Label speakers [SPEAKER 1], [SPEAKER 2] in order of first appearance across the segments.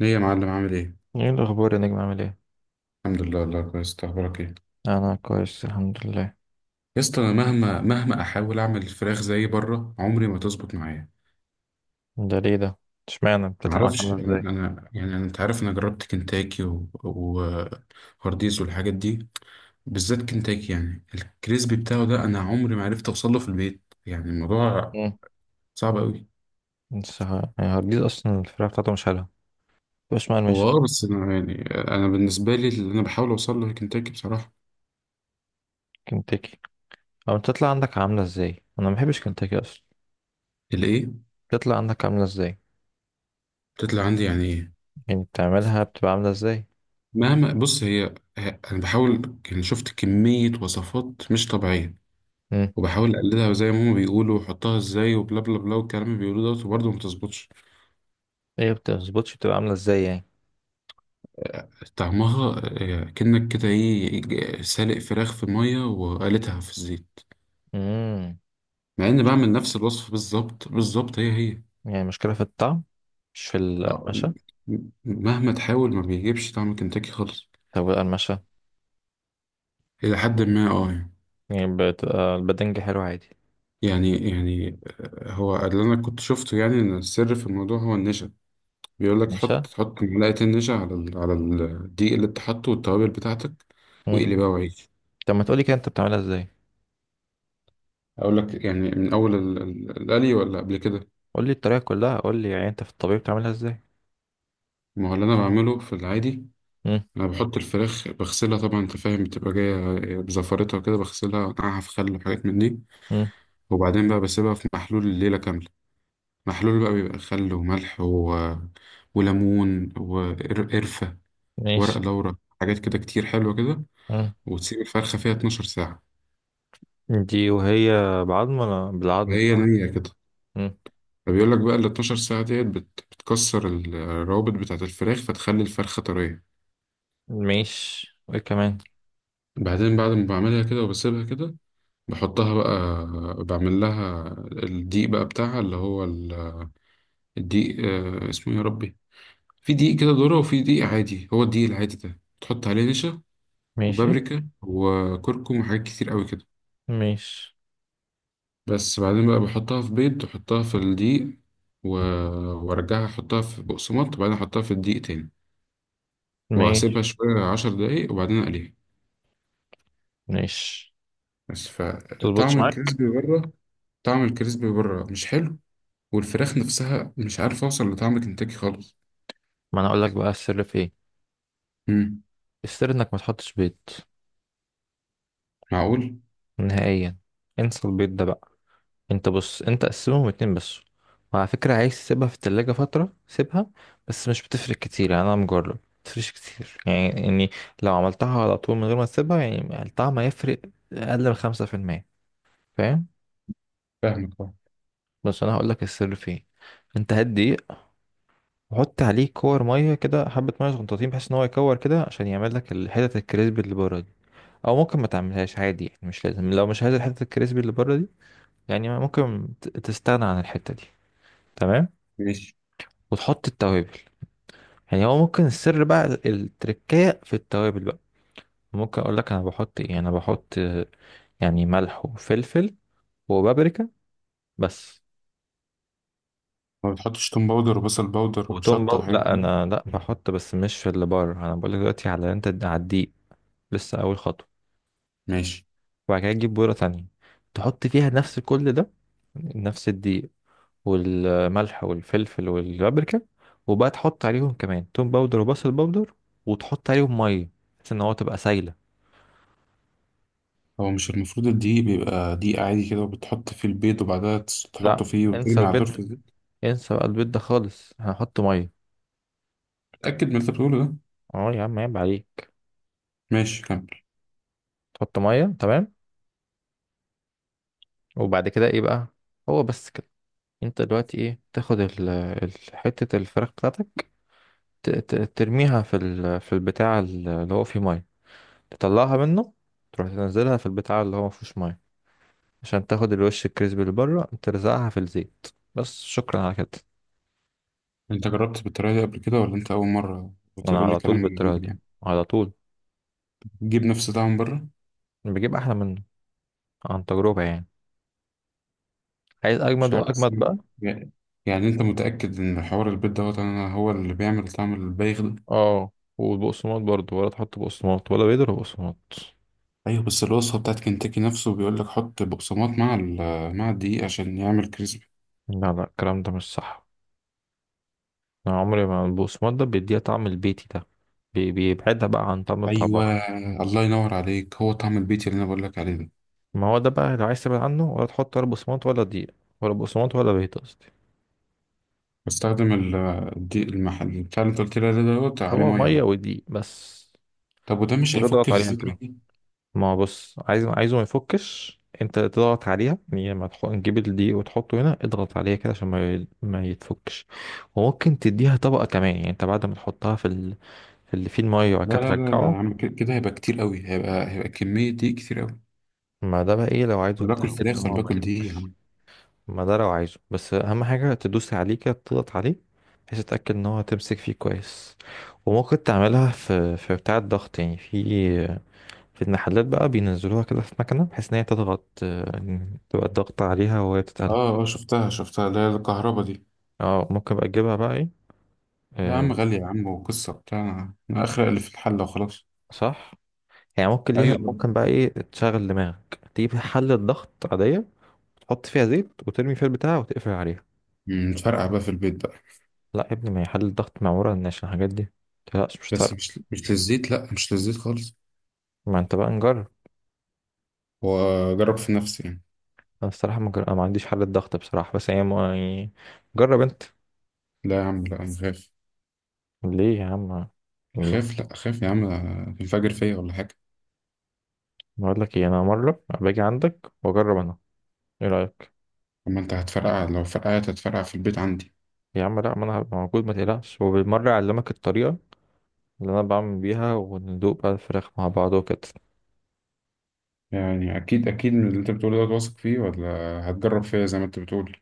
[SPEAKER 1] ايه يا معلم عامل ايه؟
[SPEAKER 2] ايه الاخبار يا نجم عامل ايه؟
[SPEAKER 1] الحمد لله، الله كويس، انت اخبارك ايه؟
[SPEAKER 2] انا كويس الحمد لله.
[SPEAKER 1] يا اسطى، انا مهما احاول اعمل الفراخ زي بره عمري ما تظبط معايا.
[SPEAKER 2] ده ليه ده؟ اشمعنى بتطلع معاك
[SPEAKER 1] معرفش
[SPEAKER 2] عامله ازاي؟
[SPEAKER 1] انا. يعني انا، انت عارف، انا جربت كنتاكي وهارديز والحاجات دي. بالذات كنتاكي، يعني الكريسبي بتاعه ده انا عمري ما عرفت اوصل له في البيت، يعني الموضوع
[SPEAKER 2] امم
[SPEAKER 1] صعب قوي.
[SPEAKER 2] بس هارديز اصلا الفراخ بتاعته مش حلوه، مش
[SPEAKER 1] هو
[SPEAKER 2] مقرمشه.
[SPEAKER 1] اه، بس انا، يعني انا بالنسبه لي اللي انا بحاول اوصل له هي كنتاكي بصراحه.
[SPEAKER 2] كنتاكي؟ او بتطلع عندك عامله ازاي؟ انا ما بحبش كنتاكي اصلا.
[SPEAKER 1] الايه؟
[SPEAKER 2] بتطلع عندك عامله ازاي؟
[SPEAKER 1] بتطلع عندي يعني ايه؟
[SPEAKER 2] يعني بتعملها بتبقى عامله ازاي؟
[SPEAKER 1] مهما بص هي. انا بحاول، يعني شفت كمية وصفات مش طبيعية،
[SPEAKER 2] امم
[SPEAKER 1] وبحاول اقلدها زي ما هما بيقولوا، وأحطها ازاي، وبلا بلا بلا والكلام اللي بيقولوه دوت، وبرضه ما بتظبطش.
[SPEAKER 2] ايه بتظبطش؟ بتبقى عامله ازاي يعني؟
[SPEAKER 1] طعمها كأنك كده ايه، سالق فراخ في مية وقالتها في الزيت.
[SPEAKER 2] امم
[SPEAKER 1] مع اني بعمل نفس الوصفة بالظبط بالظبط، هي هي.
[SPEAKER 2] يعني مشكله في الطعم مش في
[SPEAKER 1] آه،
[SPEAKER 2] القرمشه؟
[SPEAKER 1] مهما تحاول ما بيجيبش طعم كنتاكي خالص.
[SPEAKER 2] طب القرمشه؟
[SPEAKER 1] الى حد ما اه يعني.
[SPEAKER 2] يعني بتبقى البدنج حلو عادي؟
[SPEAKER 1] يعني، هو اللي انا كنت شفته يعني ان السر في الموضوع هو النشا. بيقول لك
[SPEAKER 2] ماشي.
[SPEAKER 1] تحط معلقة النشا على على الدقيق اللي انت حاطه والتوابل بتاعتك،
[SPEAKER 2] امم.
[SPEAKER 1] واقلي بقى وعيش.
[SPEAKER 2] طب ما تقولي كده انت بتعملها ازاي.
[SPEAKER 1] اقول لك يعني من اول القلي ولا قبل كده؟
[SPEAKER 2] قول لي الطريقة كلها، قول لي يعني انت في الطبيعي بتعملها ازاي.
[SPEAKER 1] ما هو اللي انا بعمله في العادي،
[SPEAKER 2] مم.
[SPEAKER 1] انا بحط الفراخ، بغسلها طبعا، انت فاهم، بتبقى جايه بزفرتها كده، بغسلها وانقعها في خل وحاجات من دي،
[SPEAKER 2] مم.
[SPEAKER 1] وبعدين بقى بسيبها في محلول الليله كامله. محلول بقى بيبقى خل وملح وليمون وقرفه، ورق
[SPEAKER 2] ماشي.
[SPEAKER 1] لورا، حاجات كده كتير حلوه كده.
[SPEAKER 2] مم.
[SPEAKER 1] وتسيب الفرخه فيها 12 ساعه
[SPEAKER 2] دي وهي بعظم ولا بالعظم؟
[SPEAKER 1] وهي نيه كده.
[SPEAKER 2] مم.
[SPEAKER 1] فبيقول لك بقى ال 12 ساعة ديت بتكسر الروابط بتاعة الفراخ، فتخلي الفرخة طرية.
[SPEAKER 2] ماشي، وايه كمان؟
[SPEAKER 1] بعدين بعد ما بعملها كده وبسيبها كده، بحطها بقى، بعمل لها الدقيق بقى بتاعها، اللي هو الدقيق اسمه إيه يا ربي. في دقيق كده ذرة، وفي دقيق عادي، هو الدقيق العادي ده تحط عليه نشا
[SPEAKER 2] ماشي.
[SPEAKER 1] وبابريكا وكركم وحاجات كتير قوي كده.
[SPEAKER 2] ماشي.
[SPEAKER 1] بس بعدين بقى بحطها في بيض، وأحطها في الدقيق، و- وارجعها احطها في بقسماط، وبعدين احطها في الدقيق تاني، وهسيبها
[SPEAKER 2] ماشي.
[SPEAKER 1] شوية 10 دقايق، وبعدين اقليها.
[SPEAKER 2] ماشي.
[SPEAKER 1] بس
[SPEAKER 2] تظبطش
[SPEAKER 1] فطعم
[SPEAKER 2] معاك؟
[SPEAKER 1] الكريسبي بره، طعم الكريسبي بره مش حلو، والفراخ نفسها مش عارف اوصل لطعم كنتاكي خالص.
[SPEAKER 2] ما انا اقول لك بقى السر في ايه.
[SPEAKER 1] امم.
[SPEAKER 2] السر انك ما تحطش بيض
[SPEAKER 1] معقول؟
[SPEAKER 2] نهائيا. انسى البيض ده بقى. انت بص، انت قسمهم اتنين بس. وعلى فكرة عايز تسيبها في التلاجة فترة سيبها، بس مش بتفرق كتير، يعني انا مجرب متفرقش كتير يعني لو عملتها على طول من غير ما تسيبها، يعني الطعم هيفرق اقل من 5%، فاهم؟
[SPEAKER 1] فاهمك اه.
[SPEAKER 2] بس انا هقولك السر فين. انت هات دقيق وحط عليه كور مية كده، حبة مية صغنطاطين، بحيث ان هو يكور كده عشان يعمل لك الحتت الكريسبي اللي بره دي. او ممكن ما تعملهاش عادي، يعني مش لازم لو مش عايز الحتت الكريسبي اللي بره دي، يعني ممكن تستغنى عن الحتة دي، تمام؟
[SPEAKER 1] ماشي.
[SPEAKER 2] وتحط التوابل. يعني هو ممكن السر بقى التركية في التوابل بقى. ممكن اقول لك انا بحط ايه انا بحط يعني ملح وفلفل وبابريكا بس.
[SPEAKER 1] ما بتحطش توم باودر وبصل باودر وشطة وحاجات
[SPEAKER 2] لا
[SPEAKER 1] دي؟
[SPEAKER 2] انا لا بحط بس مش في اللي بره، انا بقول لك دلوقتي على على الدقيق. لسه اول خطوه.
[SPEAKER 1] ماشي.
[SPEAKER 2] وبعد كده تجيب بوره تانية، تحط فيها نفس كل ده: نفس الدقيق والملح والفلفل والبابريكا. وبقى تحط عليهم كمان توم باودر وبصل باودر، وتحط عليهم ميه، بحيث ان هو تبقى سايله.
[SPEAKER 1] هو مش المفروض الدقيق بيبقى دقيق عادي كده، وبتحط فيه البيض، وبعدها
[SPEAKER 2] لا،
[SPEAKER 1] تحطه فيه
[SPEAKER 2] انسى
[SPEAKER 1] وترمي على طول في
[SPEAKER 2] البيض،
[SPEAKER 1] الزيت؟
[SPEAKER 2] انسى بقى البيض ده خالص، هنحط ميه.
[SPEAKER 1] اتأكد من اللي انت بتقوله ده.
[SPEAKER 2] اه يا عم عيب عليك.
[SPEAKER 1] ماشي كمل.
[SPEAKER 2] تحط ميه، تمام. وبعد كده ايه بقى؟ هو بس كده. انت دلوقتي ايه، تاخد حته الفراخ بتاعتك، ترميها في في البتاع اللي هو فيه ميه، تطلعها منه، تروح تنزلها في البتاع اللي هو ما فيهوش ميه، عشان تاخد الوش الكريسبي اللي بره. ترزعها في الزيت، بس. شكرا على كده.
[SPEAKER 1] انت جربت بالطريقة دي قبل كده، ولا انت أول مرة
[SPEAKER 2] انا
[SPEAKER 1] بتقول لي
[SPEAKER 2] على
[SPEAKER 1] كلام
[SPEAKER 2] طول
[SPEAKER 1] من
[SPEAKER 2] بالطريقه
[SPEAKER 1] عندك
[SPEAKER 2] دي،
[SPEAKER 1] يعني؟
[SPEAKER 2] على طول.
[SPEAKER 1] تجيب نفس طعم بره؟
[SPEAKER 2] بجيب احلى منه، عن تجربه يعني. عايز
[SPEAKER 1] مش
[SPEAKER 2] اجمد
[SPEAKER 1] عارف
[SPEAKER 2] واجمد
[SPEAKER 1] بس.
[SPEAKER 2] بقى.
[SPEAKER 1] يعني. يعني انت متأكد ان حوار البيض دوت انا هو اللي بيعمل طعم البايغ ده؟
[SPEAKER 2] اه. والبقسماط برضو، ولا تحط بقسماط ولا بيض ولا بقسماط؟
[SPEAKER 1] ايوه، بس الوصفة بتاعت كنتاكي نفسه بيقول لك حط بقسماط مع مع الدقيق عشان يعمل كريسبي.
[SPEAKER 2] لا لا، الكلام ده مش صح. انا عمري ما البقسماط ده بيديها طعم البيتي ده. بيبعدها بقى عن طعم بتاع
[SPEAKER 1] ايوه.
[SPEAKER 2] بره.
[SPEAKER 1] الله ينور عليك، هو طعم البيتي اللي انا بقول لك عليه ده.
[SPEAKER 2] ما هو ده بقى، لو عايز تبعد عنه ولا تحط ولا بقسماط ولا دقيق، ولا بقسماط ولا بيض قصدي.
[SPEAKER 1] بستخدم الدقيق المحل بتاع اللي انت قلت لي عليه دوت، عليه
[SPEAKER 2] هو
[SPEAKER 1] ميه
[SPEAKER 2] ميه
[SPEAKER 1] بقى.
[SPEAKER 2] ودقيق بس.
[SPEAKER 1] طب وده مش هيفك
[SPEAKER 2] وتضغط
[SPEAKER 1] في
[SPEAKER 2] عليها
[SPEAKER 1] الزيت
[SPEAKER 2] كده.
[SPEAKER 1] مني؟
[SPEAKER 2] ما هو بص، عايزه ما يفكش، انت تضغط عليها، يعني لما تحط تجيب الدقيق وتحطه هنا اضغط عليها كده عشان ما يتفكش. وممكن تديها طبقة كمان، يعني انت بعد ما تحطها في اللي فيه المية وبعد
[SPEAKER 1] لا
[SPEAKER 2] كده
[SPEAKER 1] لا لا لا يا
[SPEAKER 2] ترجعه.
[SPEAKER 1] عم، كده كده هيبقى كتير قوي، هيبقى كمية دقيق كتير قوي.
[SPEAKER 2] ما ده بقى ايه، لو عايزه
[SPEAKER 1] ولا باكل
[SPEAKER 2] تتأكد ان
[SPEAKER 1] فراخ ولا
[SPEAKER 2] هو ما
[SPEAKER 1] باكل دقيق يا
[SPEAKER 2] يفكش.
[SPEAKER 1] عم.
[SPEAKER 2] ما ده لو عايزه، بس اهم حاجة تدوس عليه كده، تضغط عليه، بحيث تتأكد ان هو تمسك فيه كويس. وممكن تعملها في في بتاع الضغط، يعني في في المحلات بقى بينزلوها كده في مكنة، بحيث ان هي تضغط، يعني تبقى الضغط عليها وهي بتتقلب.
[SPEAKER 1] اه اه، شفتها شفتها اللي هي الكهربا دي.
[SPEAKER 2] اه، ممكن بقى تجيبها بقى ايه،
[SPEAKER 1] لا يا
[SPEAKER 2] آه،
[SPEAKER 1] عم، غالية يا عم، وقصة بتاع، أنا أخرق اللي في الحلة وخلاص.
[SPEAKER 2] صح. يعني ممكن ليها،
[SPEAKER 1] أيوة طبعا.
[SPEAKER 2] ممكن بقى ايه، تشغل دماغك، تجيب حلة ضغط عادية، تحط فيها زيت وترمي فيها البتاع وتقفل عليها.
[SPEAKER 1] متفرقع بقى في البيت بقى؟
[SPEAKER 2] لا يا ابني، ما هي حل الضغط معمولة عشان الحاجات دي، متقلقش مش
[SPEAKER 1] بس
[SPEAKER 2] فارقة.
[SPEAKER 1] مش للزيت، لا، مش للزيت خالص.
[SPEAKER 2] ما انت بقى نجرب.
[SPEAKER 1] وأجرب في نفسي يعني.
[SPEAKER 2] انا الصراحة ما, جر... أنا ما عنديش حل الضغط بصراحة، بس هي ما... يعني جرب انت.
[SPEAKER 1] لا يا عم لا، أنا خايف.
[SPEAKER 2] ليه يا عم؟ لا.
[SPEAKER 1] خايف، لا خايف يا عم. الفجر فيا ولا حاجة.
[SPEAKER 2] بقول لك ايه، انا مرة باجي عندك واجرب انا، ايه رأيك؟
[SPEAKER 1] أما أنت هتفرقع، لو فرقعت هتفرقع في البيت عندي.
[SPEAKER 2] يا عم لا، ما انا هبقى موجود ما تقلقش، وبالمرة اعلمك الطريقة اللي انا بعمل بيها، وندوق بقى الفراخ مع بعض وكده.
[SPEAKER 1] يعني أكيد أكيد من اللي أنت بتقوله ده واثق فيه، ولا هتجرب فيا زي ما أنت بتقول؟ إن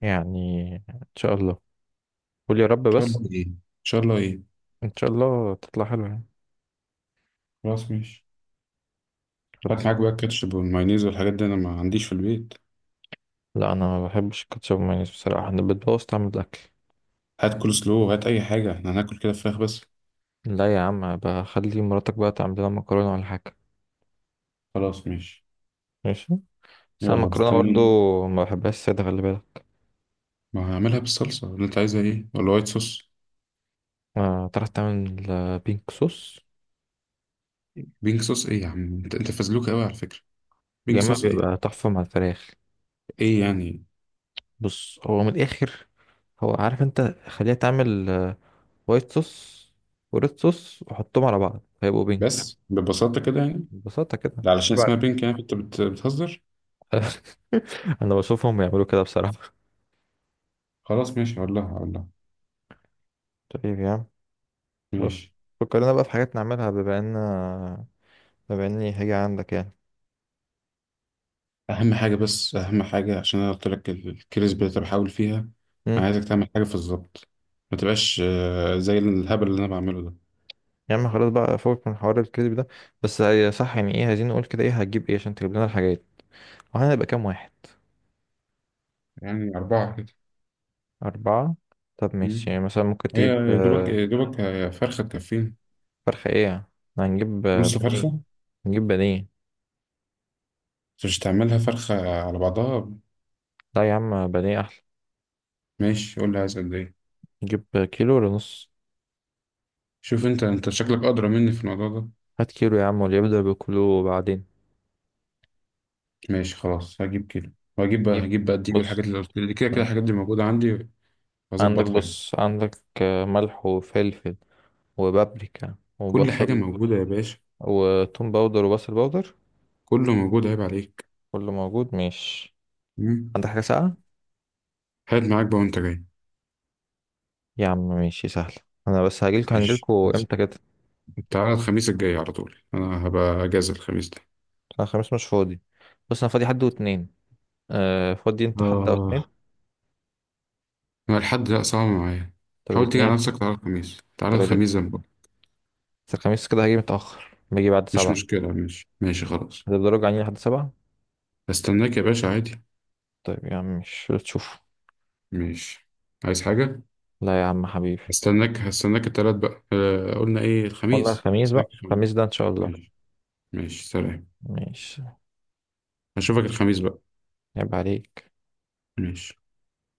[SPEAKER 2] يعني ان شاء الله، قول يا رب
[SPEAKER 1] شاء
[SPEAKER 2] بس.
[SPEAKER 1] الله إيه؟ إن شاء الله إيه؟
[SPEAKER 2] ان شاء الله تطلع حلوة يعني.
[SPEAKER 1] خلاص ماشي. هات
[SPEAKER 2] خلاص.
[SPEAKER 1] معاك بقى الكاتشب والمايونيز والحاجات دي، أنا ما عنديش في البيت.
[SPEAKER 2] لا، انا ما بحبش الكاتشب والمايونيز بصراحة، انا بتبوظ طعم الاكل.
[SPEAKER 1] هات كول سلو، هات أي حاجة، إحنا هناكل كده فراخ بس.
[SPEAKER 2] لا يا عم، بخلي مراتك بقى تعمل لنا مكرونة ولا حاجة.
[SPEAKER 1] خلاص ماشي.
[SPEAKER 2] ماشي. بس أنا
[SPEAKER 1] يلا
[SPEAKER 2] المكرونة برضو
[SPEAKER 1] مستنيك.
[SPEAKER 2] ما بحبهاش سادة، خلي بالك.
[SPEAKER 1] ما هعملها بالصلصة، اللي انت عايزها ايه ولا وايت صوص؟
[SPEAKER 2] ما تعرف تعمل بينك صوص؟
[SPEAKER 1] بينك صوص ايه يا عم، انت فزلوك قوي على فكرة.
[SPEAKER 2] يا
[SPEAKER 1] بينك
[SPEAKER 2] إما
[SPEAKER 1] صوص ايه؟
[SPEAKER 2] بيبقى تحفة مع الفراخ.
[SPEAKER 1] ايه يعني؟
[SPEAKER 2] بص هو من الآخر، هو عارف أنت. خليها تعمل وايت صوص وريد صوص وحطهم على بعض هيبقوا بينك.
[SPEAKER 1] بس ببساطة كده يعني؟
[SPEAKER 2] ببساطة كده.
[SPEAKER 1] ده علشان
[SPEAKER 2] بعد
[SPEAKER 1] اسمها بينك، يعني انت بتهزر.
[SPEAKER 2] أنا بشوفهم بيعملوا كده بصراحة.
[SPEAKER 1] خلاص ماشي، هقول لها، هقول لها.
[SPEAKER 2] طيب يا عم. بص،
[SPEAKER 1] ماشي.
[SPEAKER 2] فكرنا بقى في حاجات نعملها بما إن، بما إني هاجي عندك
[SPEAKER 1] اهم حاجة، بس اهم حاجة عشان انا قلت لك الكريسبي اللي بحاول فيها، انا
[SPEAKER 2] يعني.
[SPEAKER 1] عايزك تعمل حاجة في الظبط، ما تبقاش زي الهبل اللي انا بعمله ده.
[SPEAKER 2] يا عم خلاص بقى، فوق من حوار الكذب ده. بس هي صح، يعني ايه، عايزين نقول كده ايه هتجيب ايه عشان تجيب لنا الحاجات، وهنبقى كام واحد؟
[SPEAKER 1] يعني أربعة كده.
[SPEAKER 2] أربعة. طب ماشي.
[SPEAKER 1] مم.
[SPEAKER 2] يعني مثلا ممكن
[SPEAKER 1] هي
[SPEAKER 2] تجيب
[SPEAKER 1] يا دوبك يا دوبك فرخة تكفينا.
[SPEAKER 2] فرخة ايه. هنجيب
[SPEAKER 1] نص
[SPEAKER 2] بانيه.
[SPEAKER 1] فرخة.
[SPEAKER 2] نجيب بانيه.
[SPEAKER 1] بس مش تعملها فرخة على بعضها.
[SPEAKER 2] لا يا عم بانيه أحلى.
[SPEAKER 1] ماشي قول لي عايز قد ايه.
[SPEAKER 2] نجيب كيلو ولا نص؟
[SPEAKER 1] شوف انت شكلك ادرى مني في الموضوع ده.
[SPEAKER 2] هات كيلو يا عم، واللي يبدأ بكيلو وبعدين.
[SPEAKER 1] ماشي خلاص، هجيب كده، وهجيب بقى
[SPEAKER 2] نجيب.
[SPEAKER 1] هجيب بقى الدقيق
[SPEAKER 2] بص
[SPEAKER 1] والحاجات اللي قلت لي، كده كده الحاجات دي موجودة عندي.
[SPEAKER 2] عندك،
[SPEAKER 1] هظبطها يعني.
[SPEAKER 2] بص عندك ملح وفلفل وبابريكا
[SPEAKER 1] كل حاجة
[SPEAKER 2] وبصل
[SPEAKER 1] موجودة يا باشا.
[SPEAKER 2] وتوم باودر وبصل باودر.
[SPEAKER 1] كله موجود، عيب عليك.
[SPEAKER 2] كله موجود؟ ماشي.
[SPEAKER 1] مم.
[SPEAKER 2] عندك حاجة ساقعة؟
[SPEAKER 1] هات معاك بقى وانت جاي.
[SPEAKER 2] يا عم ماشي سهل. انا بس هجيلكوا،
[SPEAKER 1] ماشي
[SPEAKER 2] هنجيلكوا
[SPEAKER 1] خلاص.
[SPEAKER 2] امتى كده؟
[SPEAKER 1] تعالى الخميس الجاي على طول، انا هبقى اجازة الخميس ده.
[SPEAKER 2] انا خميس مش فاضي. بص انا فاضي حد واتنين. آه، فاضي انت حد او اتنين؟
[SPEAKER 1] آه. انا الحد لا، صعب معايا.
[SPEAKER 2] طب
[SPEAKER 1] حاول تيجي على
[SPEAKER 2] الاتنين.
[SPEAKER 1] نفسك، تعالى الخميس، تعالى
[SPEAKER 2] طب الات-
[SPEAKER 1] الخميس ده بقى.
[SPEAKER 2] بس الخميس كده هجي متأخر، باجي بعد
[SPEAKER 1] مش
[SPEAKER 2] سبعة.
[SPEAKER 1] مشكلة، ماشي ماشي خلاص.
[SPEAKER 2] هتفضلوا راجعين لحد سبعة؟
[SPEAKER 1] استناك يا باشا عادي.
[SPEAKER 2] طيب يا عم، مش تشوف.
[SPEAKER 1] ماشي. عايز حاجة؟
[SPEAKER 2] لا يا عم حبيبي.
[SPEAKER 1] هستناك التلات بقى، قلنا ايه،
[SPEAKER 2] والله
[SPEAKER 1] الخميس،
[SPEAKER 2] الخميس
[SPEAKER 1] هستناك
[SPEAKER 2] بقى،
[SPEAKER 1] الخميس.
[SPEAKER 2] الخميس ده ان شاء الله.
[SPEAKER 1] ماشي ماشي سلام.
[SPEAKER 2] ماشي.
[SPEAKER 1] هشوفك الخميس بقى.
[SPEAKER 2] عيب عليك.
[SPEAKER 1] ماشي.